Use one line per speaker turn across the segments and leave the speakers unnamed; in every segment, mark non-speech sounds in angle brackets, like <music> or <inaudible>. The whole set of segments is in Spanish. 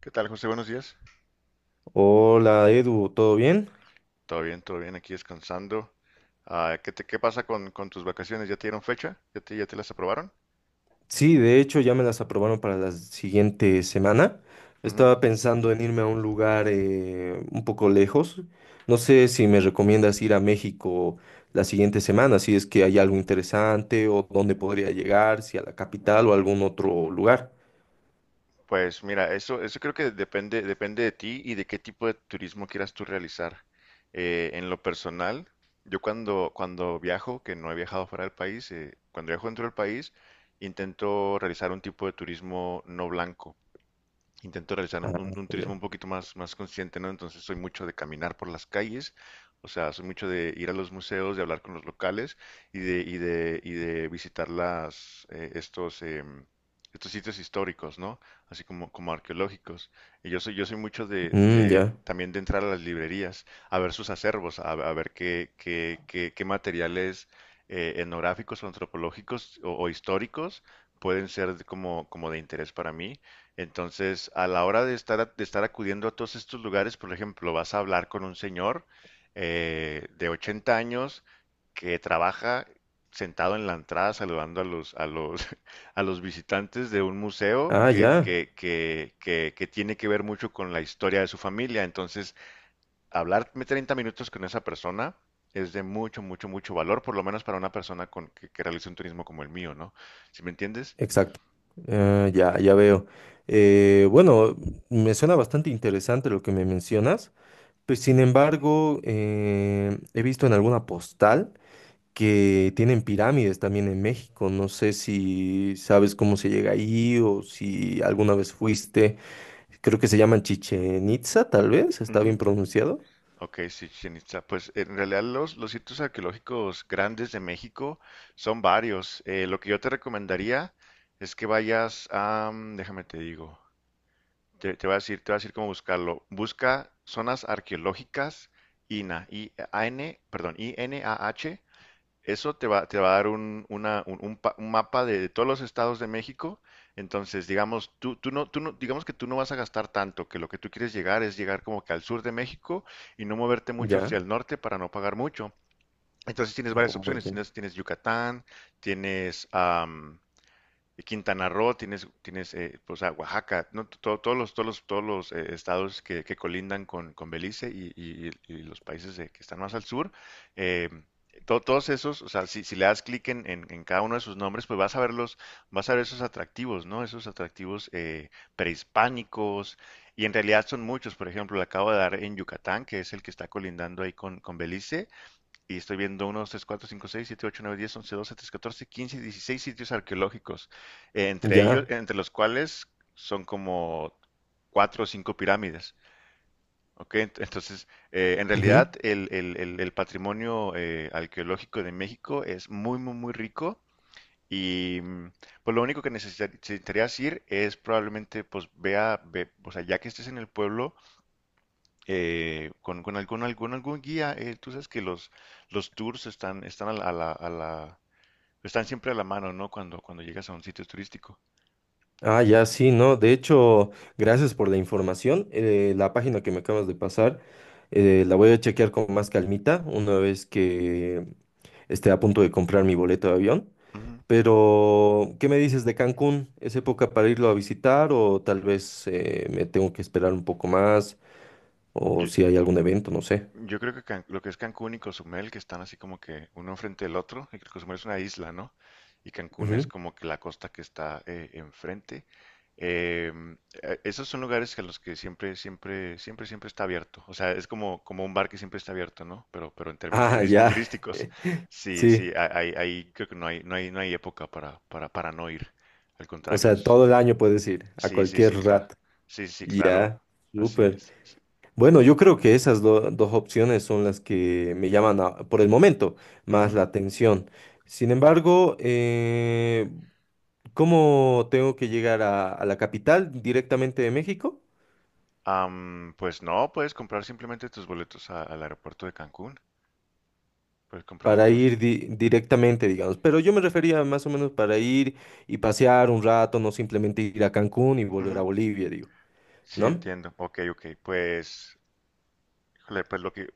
¿Qué tal, José? Buenos días.
Hola Edu, ¿todo bien?
Todo bien, aquí descansando. Ah, qué pasa con tus vacaciones? ¿Ya te dieron fecha? ¿ ya te las aprobaron?
Sí, de hecho ya me las aprobaron para la siguiente semana.
Ujú.
Estaba pensando en irme a un lugar un poco lejos. No sé si me recomiendas ir a México la siguiente semana, si es que hay algo interesante o dónde podría llegar, si a la capital o a algún otro lugar.
Pues mira, eso creo que depende, depende de ti y de qué tipo de turismo quieras tú realizar. En lo personal, yo cuando viajo, que no he viajado fuera del país, cuando viajo dentro del país, intento realizar un tipo de turismo no blanco. Intento realizar
Ah,
un turismo
ya.
un poquito más consciente, ¿no? Entonces soy mucho de caminar por las calles, o sea, soy mucho de ir a los museos, de hablar con los locales y de visitar estos sitios históricos, ¿no? Así como arqueológicos. Y yo soy mucho de,
Mm,
de
ya.
también de entrar a las librerías, a ver sus acervos, a ver qué materiales etnográficos o antropológicos o históricos pueden ser como de interés para mí. Entonces, a la hora de de estar acudiendo a todos estos lugares, por ejemplo, vas a hablar con un señor de 80 años que trabaja sentado en la entrada saludando <laughs> a los visitantes de un museo
Ah,
que,
ya.
que, que, que, que tiene que ver mucho con la historia de su familia. Entonces, hablarme 30 minutos con esa persona es de mucho, mucho, mucho valor, por lo menos para una persona que realice un turismo como el mío, ¿no? ¿Sí me entiendes?
Exacto. Ah, ya, ya veo. Bueno, me suena bastante interesante lo que me mencionas. Pues sin embargo, he visto en alguna postal que tienen pirámides también en México. No sé si sabes cómo se llega ahí o si alguna vez fuiste. Creo que se llaman Chichen Itza, tal vez. ¿Está bien
Ujú.
pronunciado?
Ok, sí, Chichén Itzá. Pues en realidad los sitios arqueológicos grandes de México son varios. Lo que yo te recomendaría es que vayas déjame te digo, te voy a decir cómo buscarlo. Busca zonas arqueológicas INAH, I- A-N, perdón, i n a h. Eso te va a dar un, una- un pa- un mapa de todos los estados de México. Entonces, digamos, tú, tú no- digamos que tú no vas a gastar tanto, que lo que tú quieres llegar es llegar como que al sur de México y no moverte mucho hacia
Ya.
el norte para no pagar mucho. Entonces tienes varias
Oh,
opciones,
ya.
tienes Yucatán, tienes, y Quintana Roo, tienes, tienes pues, a Oaxaca, ¿no? To- todos los, todos los, todos los estados que colindan con Belice y los países que están más al sur, eh, todos esos, o sea, si le das clic en cada uno de sus nombres, pues vas a verlos, vas a ver esos atractivos, ¿no? Esos atractivos prehispánicos, y en realidad son muchos. Por ejemplo, le acabo de dar en Yucatán, que es el que está colindando ahí con Belice, y estoy viendo 1, 2, 3, 4, 5, 6, 7, 8, 9, 10, 11, 12, 13, 14, 15, 16 sitios arqueológicos, entre ellos,
Ya.
entre los cuales son como cuatro o cinco pirámides. ¿Ok? En
Ujú.
realidad el patrimonio arqueológico de México es muy, muy, muy rico. Y pues lo único que necesitarías ir es probablemente, o sea, ya que estés en el pueblo, con algún guía. Tú sabes que los tours están, están a la, a la- a la- están siempre a la mano, ¿no? Cuando llegas a un sitio turístico.
Ah, ya, sí, no. De hecho, gracias por la información. La página que me acabas de pasar, la voy a chequear con más calmita una vez que esté a punto de comprar mi boleto de avión.
Ujú.
Pero, ¿qué me dices de Cancún? ¿Es época para irlo a visitar o tal vez me tengo que esperar un poco más o si hay algún evento, no sé?
Yo creo que lo que es Cancún y Cozumel, que están así como que uno enfrente del otro, y que Cozumel es una isla, ¿no? Y Cancún es
Ujú.
como que la costa que está enfrente. Em, Esos son lugares que a los que siempre, siempre, siempre, siempre está abierto. O sea, es como un bar que siempre está abierto, ¿no? Pero en términos
Ah, ya.
turísticos,
<laughs>
sí,
Sí,
sí, ahí creo que no hay época para no ir. Al
o
contrario,
sea,
es.
todo el año puedes ir, a
Sí, sí, sí,
cualquier
claro.
rato.
Sí, sí, claro.
Ya,
Así
súper.
es. Sí.
Bueno, yo creo que esas dos opciones son las que me llaman por el momento más
Ujú,
la atención. Sin
ok.
embargo, ¿cómo tengo que llegar a la capital directamente de México?
Pues no, puedes comprar simplemente tus boletos al aeropuerto de Cancún. Puedes comprar
Para
tus.
ir directamente, digamos. Pero yo me refería más o menos para ir y pasear un rato, no simplemente ir a Cancún y volver a
Ujú,
Bolivia, digo,
sí,
¿no?
entiendo. Ok, ok. Pues híjole, pues lo que,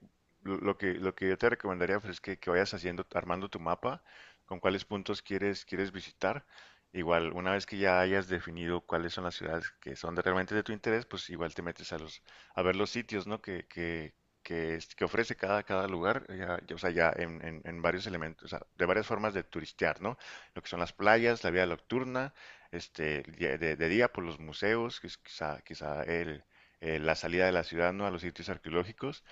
lo que, lo que yo te recomendaría pues, es que vayas haciendo, armando tu mapa, con cuáles puntos quieres visitar. Igual, una vez que ya hayas definido cuáles son las ciudades que son realmente de tu interés, pues igual te metes a los, a ver los sitios, ¿no? Que ofrece cada lugar, ya, ya, o sea, ya en varios elementos, o sea, de varias formas de turistear, ¿no? Lo que son las playas, la vida nocturna, este, de día por los museos, que es quizá el, la salida de la ciudad, ¿no? A los sitios arqueológicos.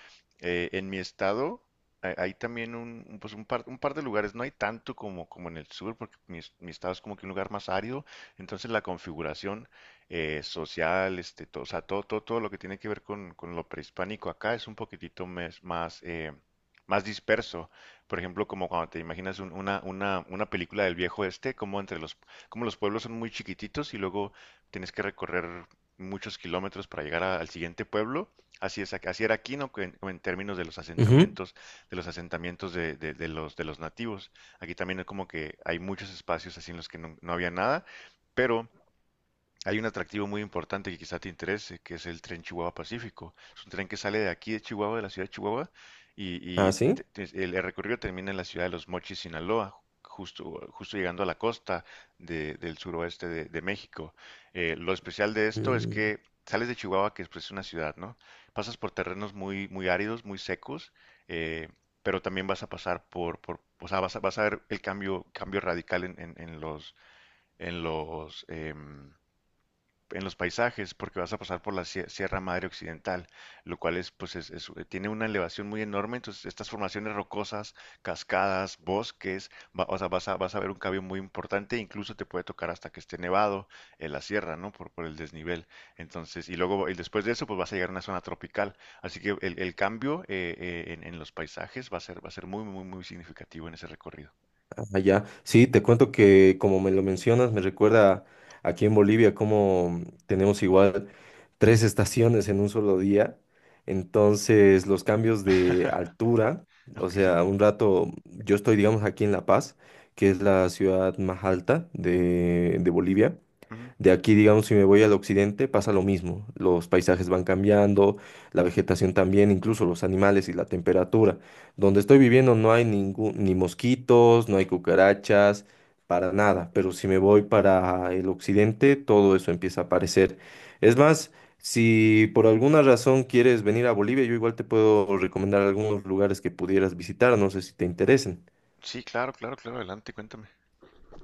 En mi estado hay también pues un par de lugares, no hay tanto como en el sur, porque mi estado es como que un lugar más árido. Entonces la configuración social, este, todo, o sea, todo, todo, todo lo que tiene que ver con lo prehispánico acá es un poquitito más, más disperso. Por ejemplo, como cuando te imaginas una película del viejo este, como entre los, como los pueblos son muy chiquititos y luego tienes que recorrer muchos kilómetros para llegar al siguiente pueblo. Así es, así era Aquino que en términos de los
Ujú.
asentamientos, de los asentamientos de los nativos. Aquí también es como que hay muchos espacios así en los que no había nada, pero hay un atractivo muy importante que quizá te interese, que es el tren Chihuahua Pacífico. Es un tren que sale de aquí de Chihuahua, de la ciudad de Chihuahua, y,
Ah, sí.
el recorrido termina en la ciudad de Los Mochis, Sinaloa, justo llegando a la costa del suroeste de México. Lo especial de esto es
Mm,
que sales de Chihuahua, que es pues, una ciudad, ¿no? Pasas por terrenos muy, muy áridos, muy secos, eh, pero también vas a pasar por o sea, vas a ver el cambio radical en los, en los, em, en los paisajes porque vas a pasar por la Sierra Madre Occidental, lo cual pues, tiene una elevación muy enorme, entonces estas formaciones rocosas, cascadas, bosques, o sea, vas a ver un cambio muy importante, incluso te puede tocar hasta que esté nevado en la sierra, ¿no? Por el desnivel. Entonces, y luego, y después de eso, pues vas a llegar a una zona tropical. Así que el cambio en los paisajes va a ser muy, muy, muy significativo en ese recorrido.
ah, ya. Sí, te cuento que como me lo mencionas, me recuerda aquí en Bolivia cómo tenemos igual tres estaciones en un solo día. Entonces, los cambios de
<laughs>
altura, o
Ok.
sea, un rato, yo estoy, digamos, aquí en La Paz, que es la ciudad más alta de Bolivia.
Ujú.
De aquí, digamos, si me voy al occidente, pasa lo mismo. Los paisajes van cambiando, la vegetación también, incluso los animales y la temperatura. Donde estoy viviendo no hay ningún, ni mosquitos, no hay cucarachas, para nada. Pero si me voy para el occidente, todo eso empieza a aparecer. Es más, si por alguna razón quieres venir a Bolivia, yo igual te puedo recomendar algunos lugares que pudieras visitar, no sé si te interesen.
Sí, claro, claro, claro, adelante, cuéntame.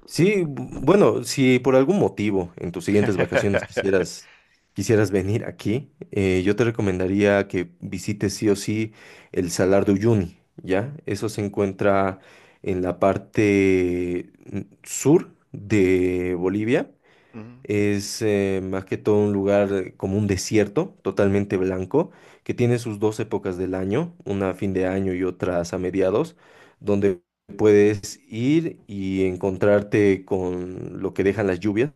Sí, bueno, si por algún motivo en tus siguientes vacaciones
<laughs>
quisieras, quisieras venir aquí, yo te recomendaría que visites sí o sí el Salar de Uyuni, ¿ya? Eso se encuentra en la parte sur de Bolivia
Ujú.
es más que todo un lugar como un desierto, totalmente blanco, que tiene sus dos épocas del año, una a fin de año y otras a mediados, donde puedes ir y encontrarte con lo que dejan las lluvias.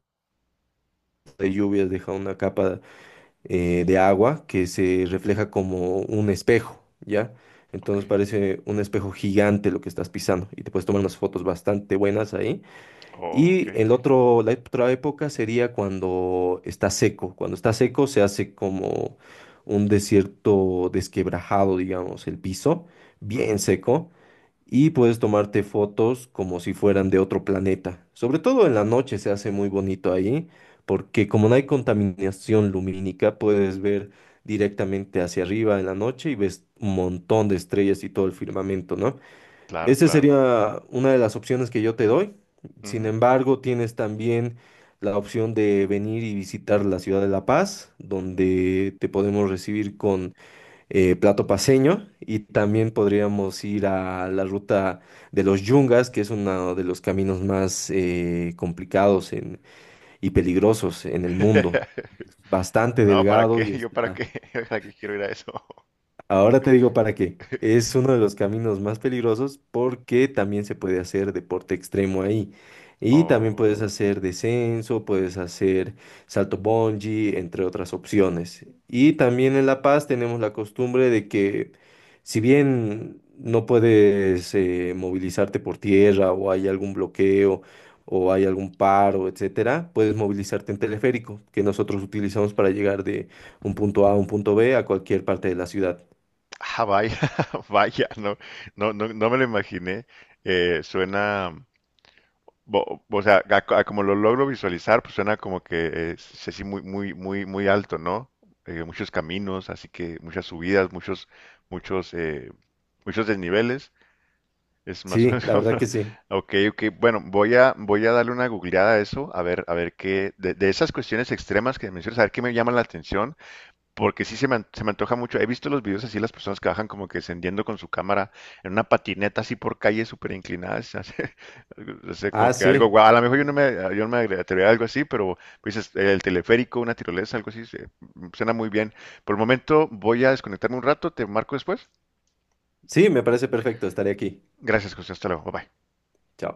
Las lluvias deja una capa de agua que se refleja como un espejo, ¿ya?
Ok.
Entonces parece un espejo gigante lo que estás pisando y te puedes tomar unas fotos bastante buenas ahí.
Oh, ok,
Y el
ok.
otro, la otra época sería cuando está seco. Cuando está seco se hace como un desierto desquebrajado, digamos, el piso, bien
Ujú.
seco. Y puedes tomarte fotos como si fueran de otro planeta. Sobre todo en la noche se hace muy bonito ahí, porque como no hay contaminación lumínica, puedes ver directamente hacia arriba en la noche y ves un montón de estrellas y todo el firmamento, ¿no?
Claro,
Esa
claro.
sería una de las opciones que yo te doy. Sin
Ujú.
embargo, tienes también la opción de venir y visitar la ciudad de La Paz, donde te podemos recibir con plato paceño y también podríamos ir a la ruta de los Yungas, que es uno de los caminos más complicados y peligrosos en el mundo.
<laughs>
Es bastante
No, ¿para
delgado
qué?
y
<laughs> ¿Yo para
está.
qué? <laughs> ¿Para qué quiero ir a eso? <laughs>
Ahora te digo para qué. Es uno de los caminos más peligrosos porque también se puede hacer deporte extremo ahí. Y también
Oh.
puedes hacer descenso, puedes hacer salto bungee, entre otras opciones. Y también en La Paz tenemos la costumbre de que si bien no puedes movilizarte por tierra o hay algún bloqueo o hay algún paro, etcétera, puedes movilizarte en teleférico, que nosotros utilizamos para llegar de un punto A a un punto B a cualquier parte de la ciudad.
Ah, vaya, <laughs> vaya, no, no, no, no me lo imaginé. Suena, o sea, a como lo logro visualizar, pues suena como que es así muy, muy, muy, muy alto, ¿no? Muchos caminos, así que muchas subidas, muchos, eh, muchos desniveles. Es más o
Sí,
menos
la
como.
verdad que
<laughs>
sí.
Ok, ok. Bueno, voy a darle una googleada a eso, a ver qué, de esas cuestiones extremas que mencionas, a ver qué me llama la atención, porque se me antoja mucho. He visto los videos así, las personas que bajan como que descendiendo con su cámara en una patineta así por calles súper inclinadas, se hace. <laughs> No sé, como
Ah,
que algo
sí.
guau. A lo mejor
<laughs>
yo no me atrevería a algo así, pero dices, el teleférico, una tirolesa, algo así, se. Suena muy bien. Por el momento voy a desconectarme un rato, te marco después.
Sí, me parece perfecto. Estaré aquí.
Gracias, José, hasta luego, bye, bye.
Chao.